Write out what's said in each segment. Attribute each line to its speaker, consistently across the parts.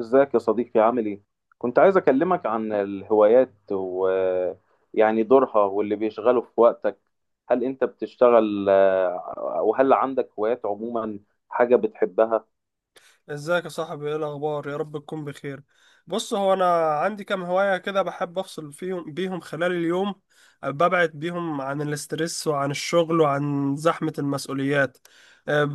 Speaker 1: ازيك يا صديقي؟ عامل ايه؟ كنت عايز اكلمك عن الهوايات ويعني دورها واللي بيشغله في وقتك. هل انت بتشتغل وهل عندك هوايات عموما، حاجة بتحبها؟
Speaker 2: ازيك يا صاحبي؟ ايه الاخبار؟ يا رب تكون بخير. بص، هو انا عندي كام هواية كده بحب افصل بيهم خلال اليوم، ببعد بيهم عن الاسترس وعن الشغل وعن زحمة المسؤوليات. أه،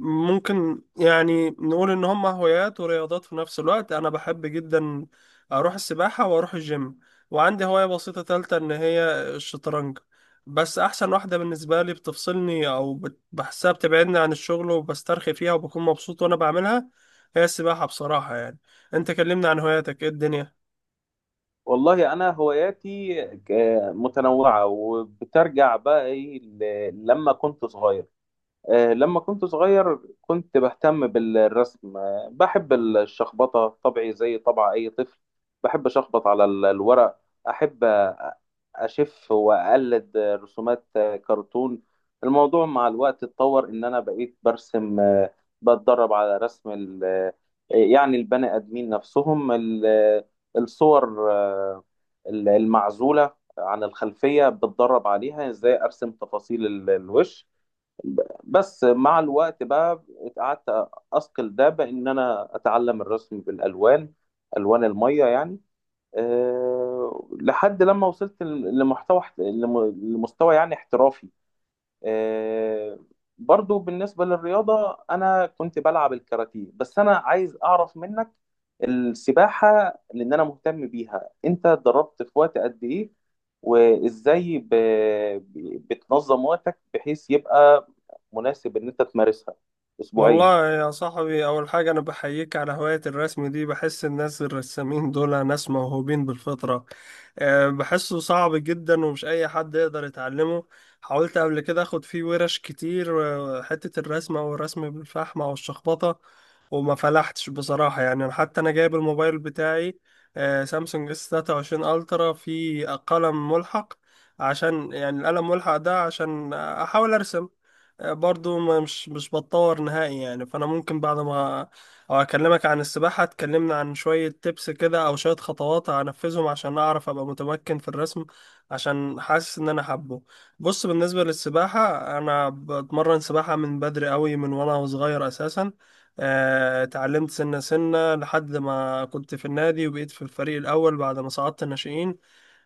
Speaker 2: ممكن يعني نقول ان هم هوايات ورياضات في نفس الوقت. انا بحب جدا اروح السباحة واروح الجيم، وعندي هواية بسيطة تالتة ان هي الشطرنج. بس احسن واحده بالنسبه لي بتفصلني او بحسها بتبعدني عن الشغل وبسترخي فيها وبكون مبسوط وانا بعملها، هي السباحة بصراحة يعني. انت كلمنا عن هواياتك، ايه الدنيا؟
Speaker 1: والله انا هواياتي متنوعة وبترجع بقى ايه لما كنت صغير. لما كنت صغير كنت بهتم بالرسم، بحب الشخبطة، طبعي زي طبع أي طفل. بحب أشخبط على الورق. أحب أ- أشف وأقلد رسومات كرتون. الموضوع مع الوقت اتطور إن أنا بقيت برسم، بتدرب على رسم يعني البني آدمين نفسهم، الصور، المعزولة عن الخلفية. بتدرب عليها إزاي أرسم تفاصيل الوش. بس مع الوقت بقى قعدت اثقل ده بان انا اتعلم الرسم بالالوان، الوان الميه يعني، أه، لحد لما وصلت لمحتوى لم- لمستوى يعني احترافي. آه، برضو بالنسبة للرياضة أنا كنت بلعب الكاراتيه، بس أنا عايز أعرف منك السباحة، لأن أنا مهتم بيها. أنت اتدربت في وقت قد إيه؟ وإزاي بتنظم وقتك بحيث يبقى مناسب إن أنت تمارسها أسبوعيا؟
Speaker 2: والله يا صاحبي، اول حاجة انا بحييك على هواية الرسم دي. بحس الناس الرسامين دول ناس موهوبين بالفطرة. بحسه صعب جدا ومش اي حد يقدر يتعلمه. حاولت قبل كده اخد فيه ورش كتير، حتة الرسمة والرسم بالفحمة والشخبطة، وما فلحتش بصراحة. يعني أنا حتى أنا جايب الموبايل بتاعي، سامسونج اس 23 ألترا، في قلم ملحق عشان، يعني القلم ملحق ده عشان أحاول أرسم، برضو مش بتطور نهائي يعني. فانا ممكن بعد ما او اكلمك عن السباحة تكلمنا عن شوية تبس كده او شوية خطوات هنفذهم عشان اعرف ابقى متمكن في الرسم، عشان حاسس ان انا حابه. بص بالنسبة للسباحة، انا بتمرن سباحة من بدري قوي، من وانا صغير اساسا. اتعلمت سنة سنة لحد ما كنت في النادي وبقيت في الفريق الأول بعد ما صعدت الناشئين.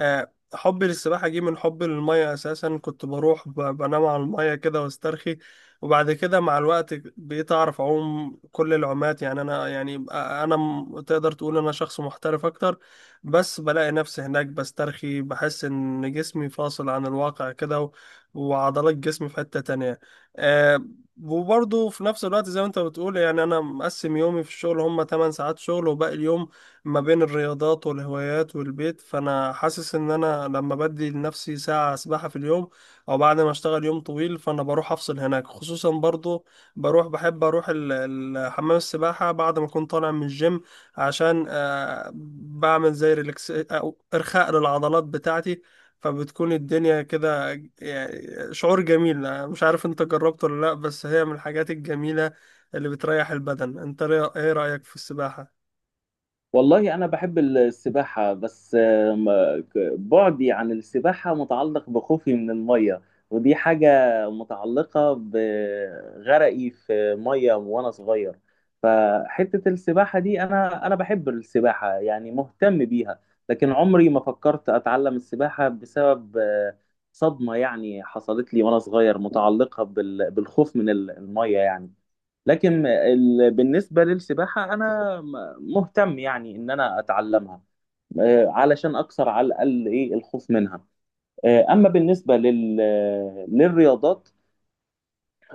Speaker 2: حبي للسباحة جه من حبي للمية أساسا. كنت بروح بنام على المية كده واسترخي، وبعد كده مع الوقت بقيت أعرف أعوم كل العومات. يعني أنا يعني أنا تقدر تقول أنا شخص محترف أكتر. بس بلاقي نفسي هناك بسترخي، بحس إن جسمي فاصل عن الواقع كده وعضلات جسمي في حتة تانية. آه، وبرضه في نفس الوقت زي ما أنت بتقول، يعني أنا مقسم يومي في الشغل، هما 8 ساعات شغل وباقي اليوم ما بين الرياضات والهوايات والبيت. فانا حاسس ان انا لما بدي لنفسي ساعة سباحة في اليوم او بعد ما اشتغل يوم طويل، فانا بروح افصل هناك. خصوصا برضو بروح، بحب اروح حمام السباحة بعد ما اكون طالع من الجيم، عشان بعمل زي ريلاكس او ارخاء للعضلات بتاعتي، فبتكون الدنيا كده يعني شعور جميل. مش عارف انت جربته ولا لا، بس هي من الحاجات الجميلة اللي بتريح البدن. انت ايه رأيك في السباحة؟
Speaker 1: والله أنا بحب السباحة، بس بعدي عن السباحة متعلق بخوفي من المية، ودي حاجة متعلقة بغرقي في مية وأنا صغير. فحتة السباحة دي أنا بحب السباحة يعني مهتم بيها، لكن عمري ما فكرت أتعلم السباحة بسبب صدمة يعني حصلت لي وأنا صغير، متعلقة بالخوف من المية يعني. لكن بالنسبة للسباحة مهتم يعني إن أنا أتعلمها، علشان أكسر على الأقل إيه الخوف منها. أما بالنسبة للرياضات،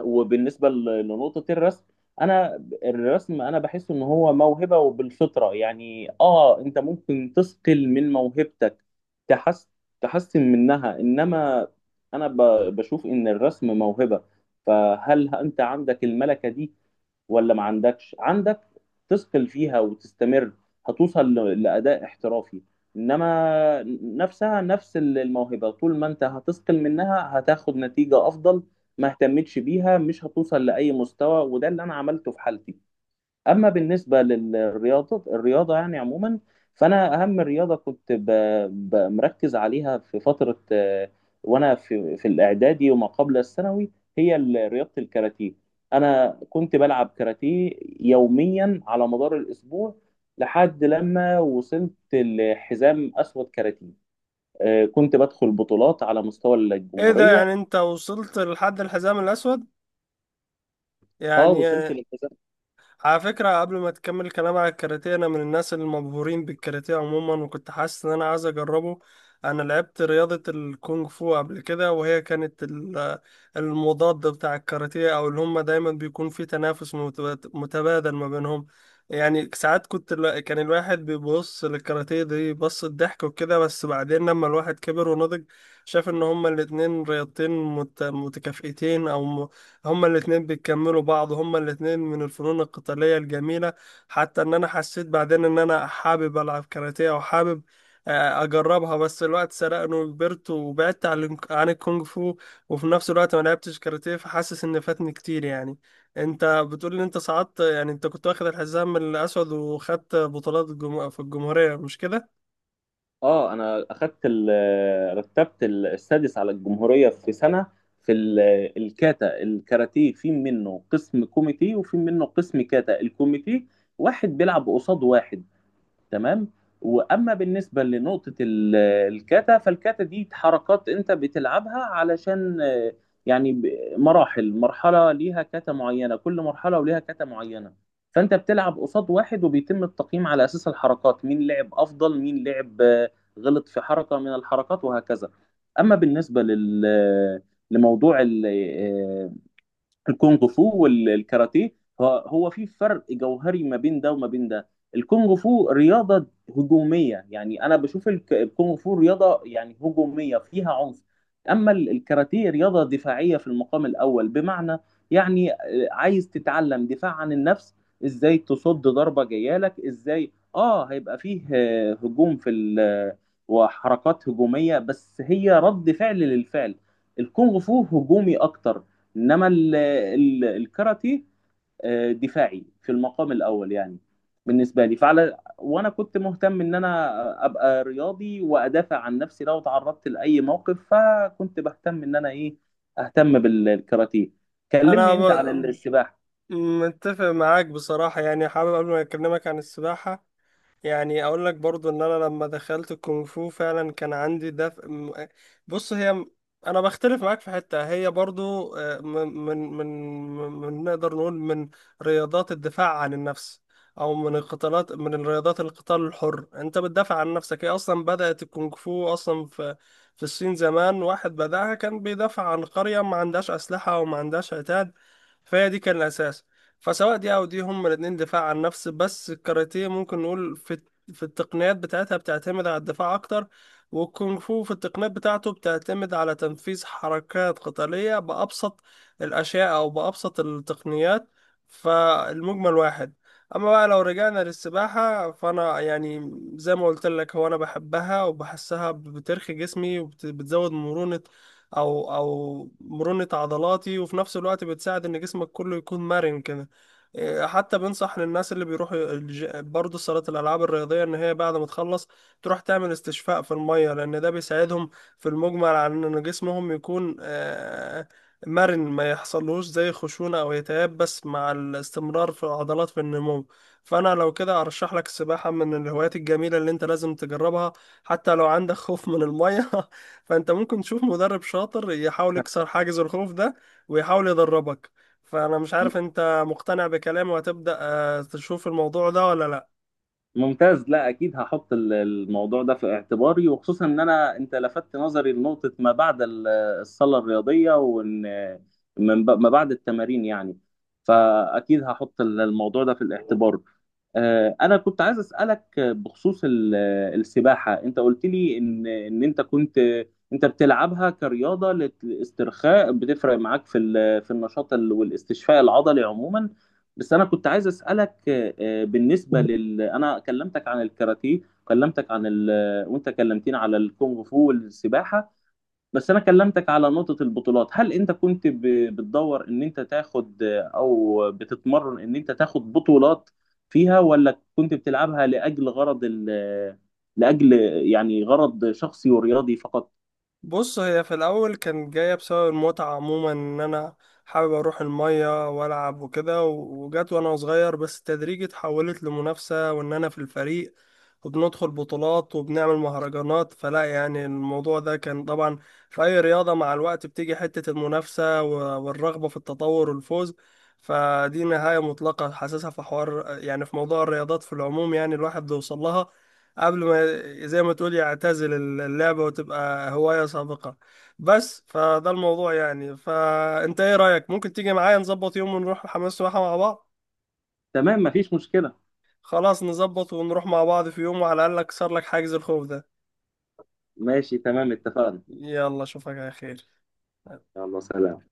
Speaker 1: وبالنسبة لنقطة الرسم، أنا الرسم بحس إن هو موهبة وبالفطرة يعني. آه، أنت ممكن تثقل من موهبتك، تحس... تحسن منها، إنما أنا ب... بشوف إن الرسم موهبة. فهل أنت عندك الملكة دي ولا ما عندكش؟ عندك تثقل فيها وتستمر، هتوصل لأداء احترافي، إنما نفسها نفس الموهبة طول ما أنت هتثقل منها هتاخد نتيجة أفضل. ما اهتمتش بيها، مش هتوصل لأي مستوى، وده اللي أنا عملته في حالتي. اما بالنسبه للرياضه يعني عموما، فانا اهم رياضه كنت مركز عليها في فتره، وانا في الاعدادي وما قبل الثانوي، هي رياضه الكاراتيه. انا كنت بلعب كاراتيه يوميا على مدار الاسبوع، لحد لما وصلت لحزام اسود كاراتيه. كنت بدخل بطولات على مستوى
Speaker 2: ايه ده؟
Speaker 1: الجمهوريه.
Speaker 2: يعني انت وصلت لحد الحزام الاسود؟
Speaker 1: اه،
Speaker 2: يعني
Speaker 1: وصلت للحزام.
Speaker 2: على فكرة قبل ما تكمل الكلام على الكاراتيه، أنا من الناس المبهورين بالكاراتيه عموما، وكنت حاسس إن أنا عايز أجربه. أنا لعبت رياضة الكونغ فو قبل كده، وهي كانت المضاد بتاع الكاراتيه، أو اللي هما دايما بيكون في تنافس متبادل ما بينهم. يعني ساعات كنت كان الواحد بيبص للكاراتيه دي بص الضحك وكده، بس بعدين لما الواحد كبر ونضج شاف إن هما الاتنين رياضتين متكافئتين، أو هما الاتنين بيكملوا بعض، هما الاتنين من الفنون القتالية الجميلة. حتى ان انا حسيت بعدين ان انا حابب العب كاراتيه وحابب اجربها، بس الوقت سرقني وكبرت وبعدت عن عن الكونغ فو، وفي نفس الوقت ما لعبتش كاراتيه، فحاسس ان فاتني كتير يعني. انت بتقول ان انت صعدت، يعني انت كنت واخد الحزام الاسود وخدت بطولات في الجمهورية مش كده؟
Speaker 1: اه، انا اخدت رتبت السادس على الجمهوريه في سنه في الكاتا الكاراتيه. في منه قسم كوميتي وفي منه قسم كاتا. الكوميتي واحد بيلعب قصاد واحد، تمام؟ واما بالنسبه لنقطه الكاتا، فالكاتا دي حركات انت بتلعبها علشان، يعني ب- مراحل، مرحله ليها كاتا معينه، كل مرحله وليها كاتا معينه. فانت بتلعب قصاد واحد وبيتم التقييم على اساس الحركات، مين لعب افضل، مين لعب غلط في حركه من الحركات، وهكذا. اما بالنسبه لل، لموضوع الكونغ فو والكاراتيه، هو في فرق جوهري ما بين ده وما بين ده. الكونغ فو رياضة هجومية، يعني أنا بشوف الكونغ فو رياضة يعني هجومية فيها عنف. أما الكاراتيه رياضة دفاعية في المقام الأول، بمعنى يعني، عايز تتعلم دفاع عن النفس، إزاي تصد ضربة جاية لك. إزاي آه، هيبقى فيه هجوم في وحركات هجومية، بس هي رد فعل للفعل. الكونغ فو هجومي أكتر، انما الكاراتيه دفاعي في المقام الاول يعني. بالنسبه لي فعلى، وانا كنت مهتم ان انا ابقى رياضي وادافع عن نفسي لو تعرضت لاي موقف، فكنت بهتم ان انا ايه، اهتم بالكاراتيه. كلمني
Speaker 2: انا
Speaker 1: انت عن السباحه.
Speaker 2: متفق معاك بصراحة يعني. حابب قبل ما اكلمك عن السباحة، يعني اقول لك برضو ان انا لما دخلت الكونغ فو فعلا كان عندي دفء بص هي انا بختلف معاك في حتة. هي برضو من نقدر نقول من رياضات الدفاع عن النفس، او من القتالات، من الرياضات القتال الحر. انت بتدافع عن نفسك. هي اصلا بدأت الكونغ فو اصلا في الصين زمان، واحد بدأها كان بيدافع عن قرية ما عندهاش اسلحة وما عندهاش عتاد، فهي دي كان الاساس. فسواء دي او دي هما الاتنين دفاع عن النفس. بس الكاراتيه ممكن نقول في في التقنيات بتاعتها بتعتمد على الدفاع اكتر، والكونغ فو في التقنيات بتاعته بتعتمد على تنفيذ حركات قتالية بأبسط الأشياء أو بأبسط التقنيات. فالمجمل واحد. أما بقى لو رجعنا للسباحة، فأنا يعني زي ما قلت لك، هو أنا بحبها وبحسها بترخي جسمي وبتزود مرونة، أو مرونة عضلاتي، وفي نفس الوقت بتساعد إن جسمك كله يكون مرن كده. حتى بنصح للناس اللي بيروحوا برضه صالة الألعاب الرياضية إن هي بعد ما تخلص تروح تعمل استشفاء في المية، لأن ده بيساعدهم في المجمل على إن جسمهم يكون مرن، ما يحصلوش زي خشونة أو يتياب بس مع الاستمرار في العضلات في النمو. فأنا لو كده أرشح لك السباحة من الهوايات الجميلة اللي أنت لازم تجربها، حتى لو عندك خوف من المية فأنت ممكن تشوف مدرب شاطر يحاول يكسر حاجز الخوف ده ويحاول يدربك. فأنا مش عارف أنت مقتنع بكلامي وهتبدأ تشوف الموضوع ده ولا لا؟
Speaker 1: ممتاز، لا اكيد هحط الموضوع ده في اعتباري، وخصوصا ان انا، انت لفتت نظري لنقطة ما بعد الصالة الرياضية، وان من ما بعد التمارين يعني. فاكيد هحط الموضوع ده في الاعتبار. انا كنت عايز اسالك بخصوص السباحه. انت قلت لي ان انت كنت، انت بتلعبها كرياضه للاسترخاء، بتفرق معاك في ال، في النشاط والاستشفاء العضلي عموما. بس انا كنت عايز اسالك، بالنسبه لل، انا كلمتك عن الكاراتيه، كلمتك عن ال، وانت كلمتني على الكونغ فو والسباحه، بس انا كلمتك على نقطة البطولات. هل انت كنت بتدور ان انت تاخد، او بتتمرن ان انت تاخد بطولات فيها، ولا كنت بتلعبها لاجل غرض ال- لاجل يعني غرض شخصي ورياضي فقط؟
Speaker 2: بص هي في الأول كانت جاية بسبب المتعة عموما، إن أنا حابب أروح المية وألعب وكده وجت وأنا صغير، بس تدريجي اتحولت لمنافسة وإن أنا في الفريق وبندخل بطولات وبنعمل مهرجانات. فلا يعني الموضوع ده كان طبعا في أي رياضة مع الوقت بتيجي حتة المنافسة والرغبة في التطور والفوز. فدي نهاية مطلقة حاسسها في حوار يعني في موضوع الرياضات في العموم، يعني الواحد بيوصل لها قبل ما، زي ما تقول، يعتزل اللعبة وتبقى هواية سابقة. بس فده الموضوع يعني. فأنت إيه رأيك؟ ممكن تيجي معايا نظبط يوم ونروح حمام السباحة مع بعض؟
Speaker 1: تمام، مفيش مشكلة.
Speaker 2: خلاص، نظبط ونروح مع بعض في يوم، وعلى الأقل أكسر لك حاجز الخوف ده.
Speaker 1: ماشي، تمام، اتفقنا.
Speaker 2: يلا أشوفك على خير.
Speaker 1: يلا سلام.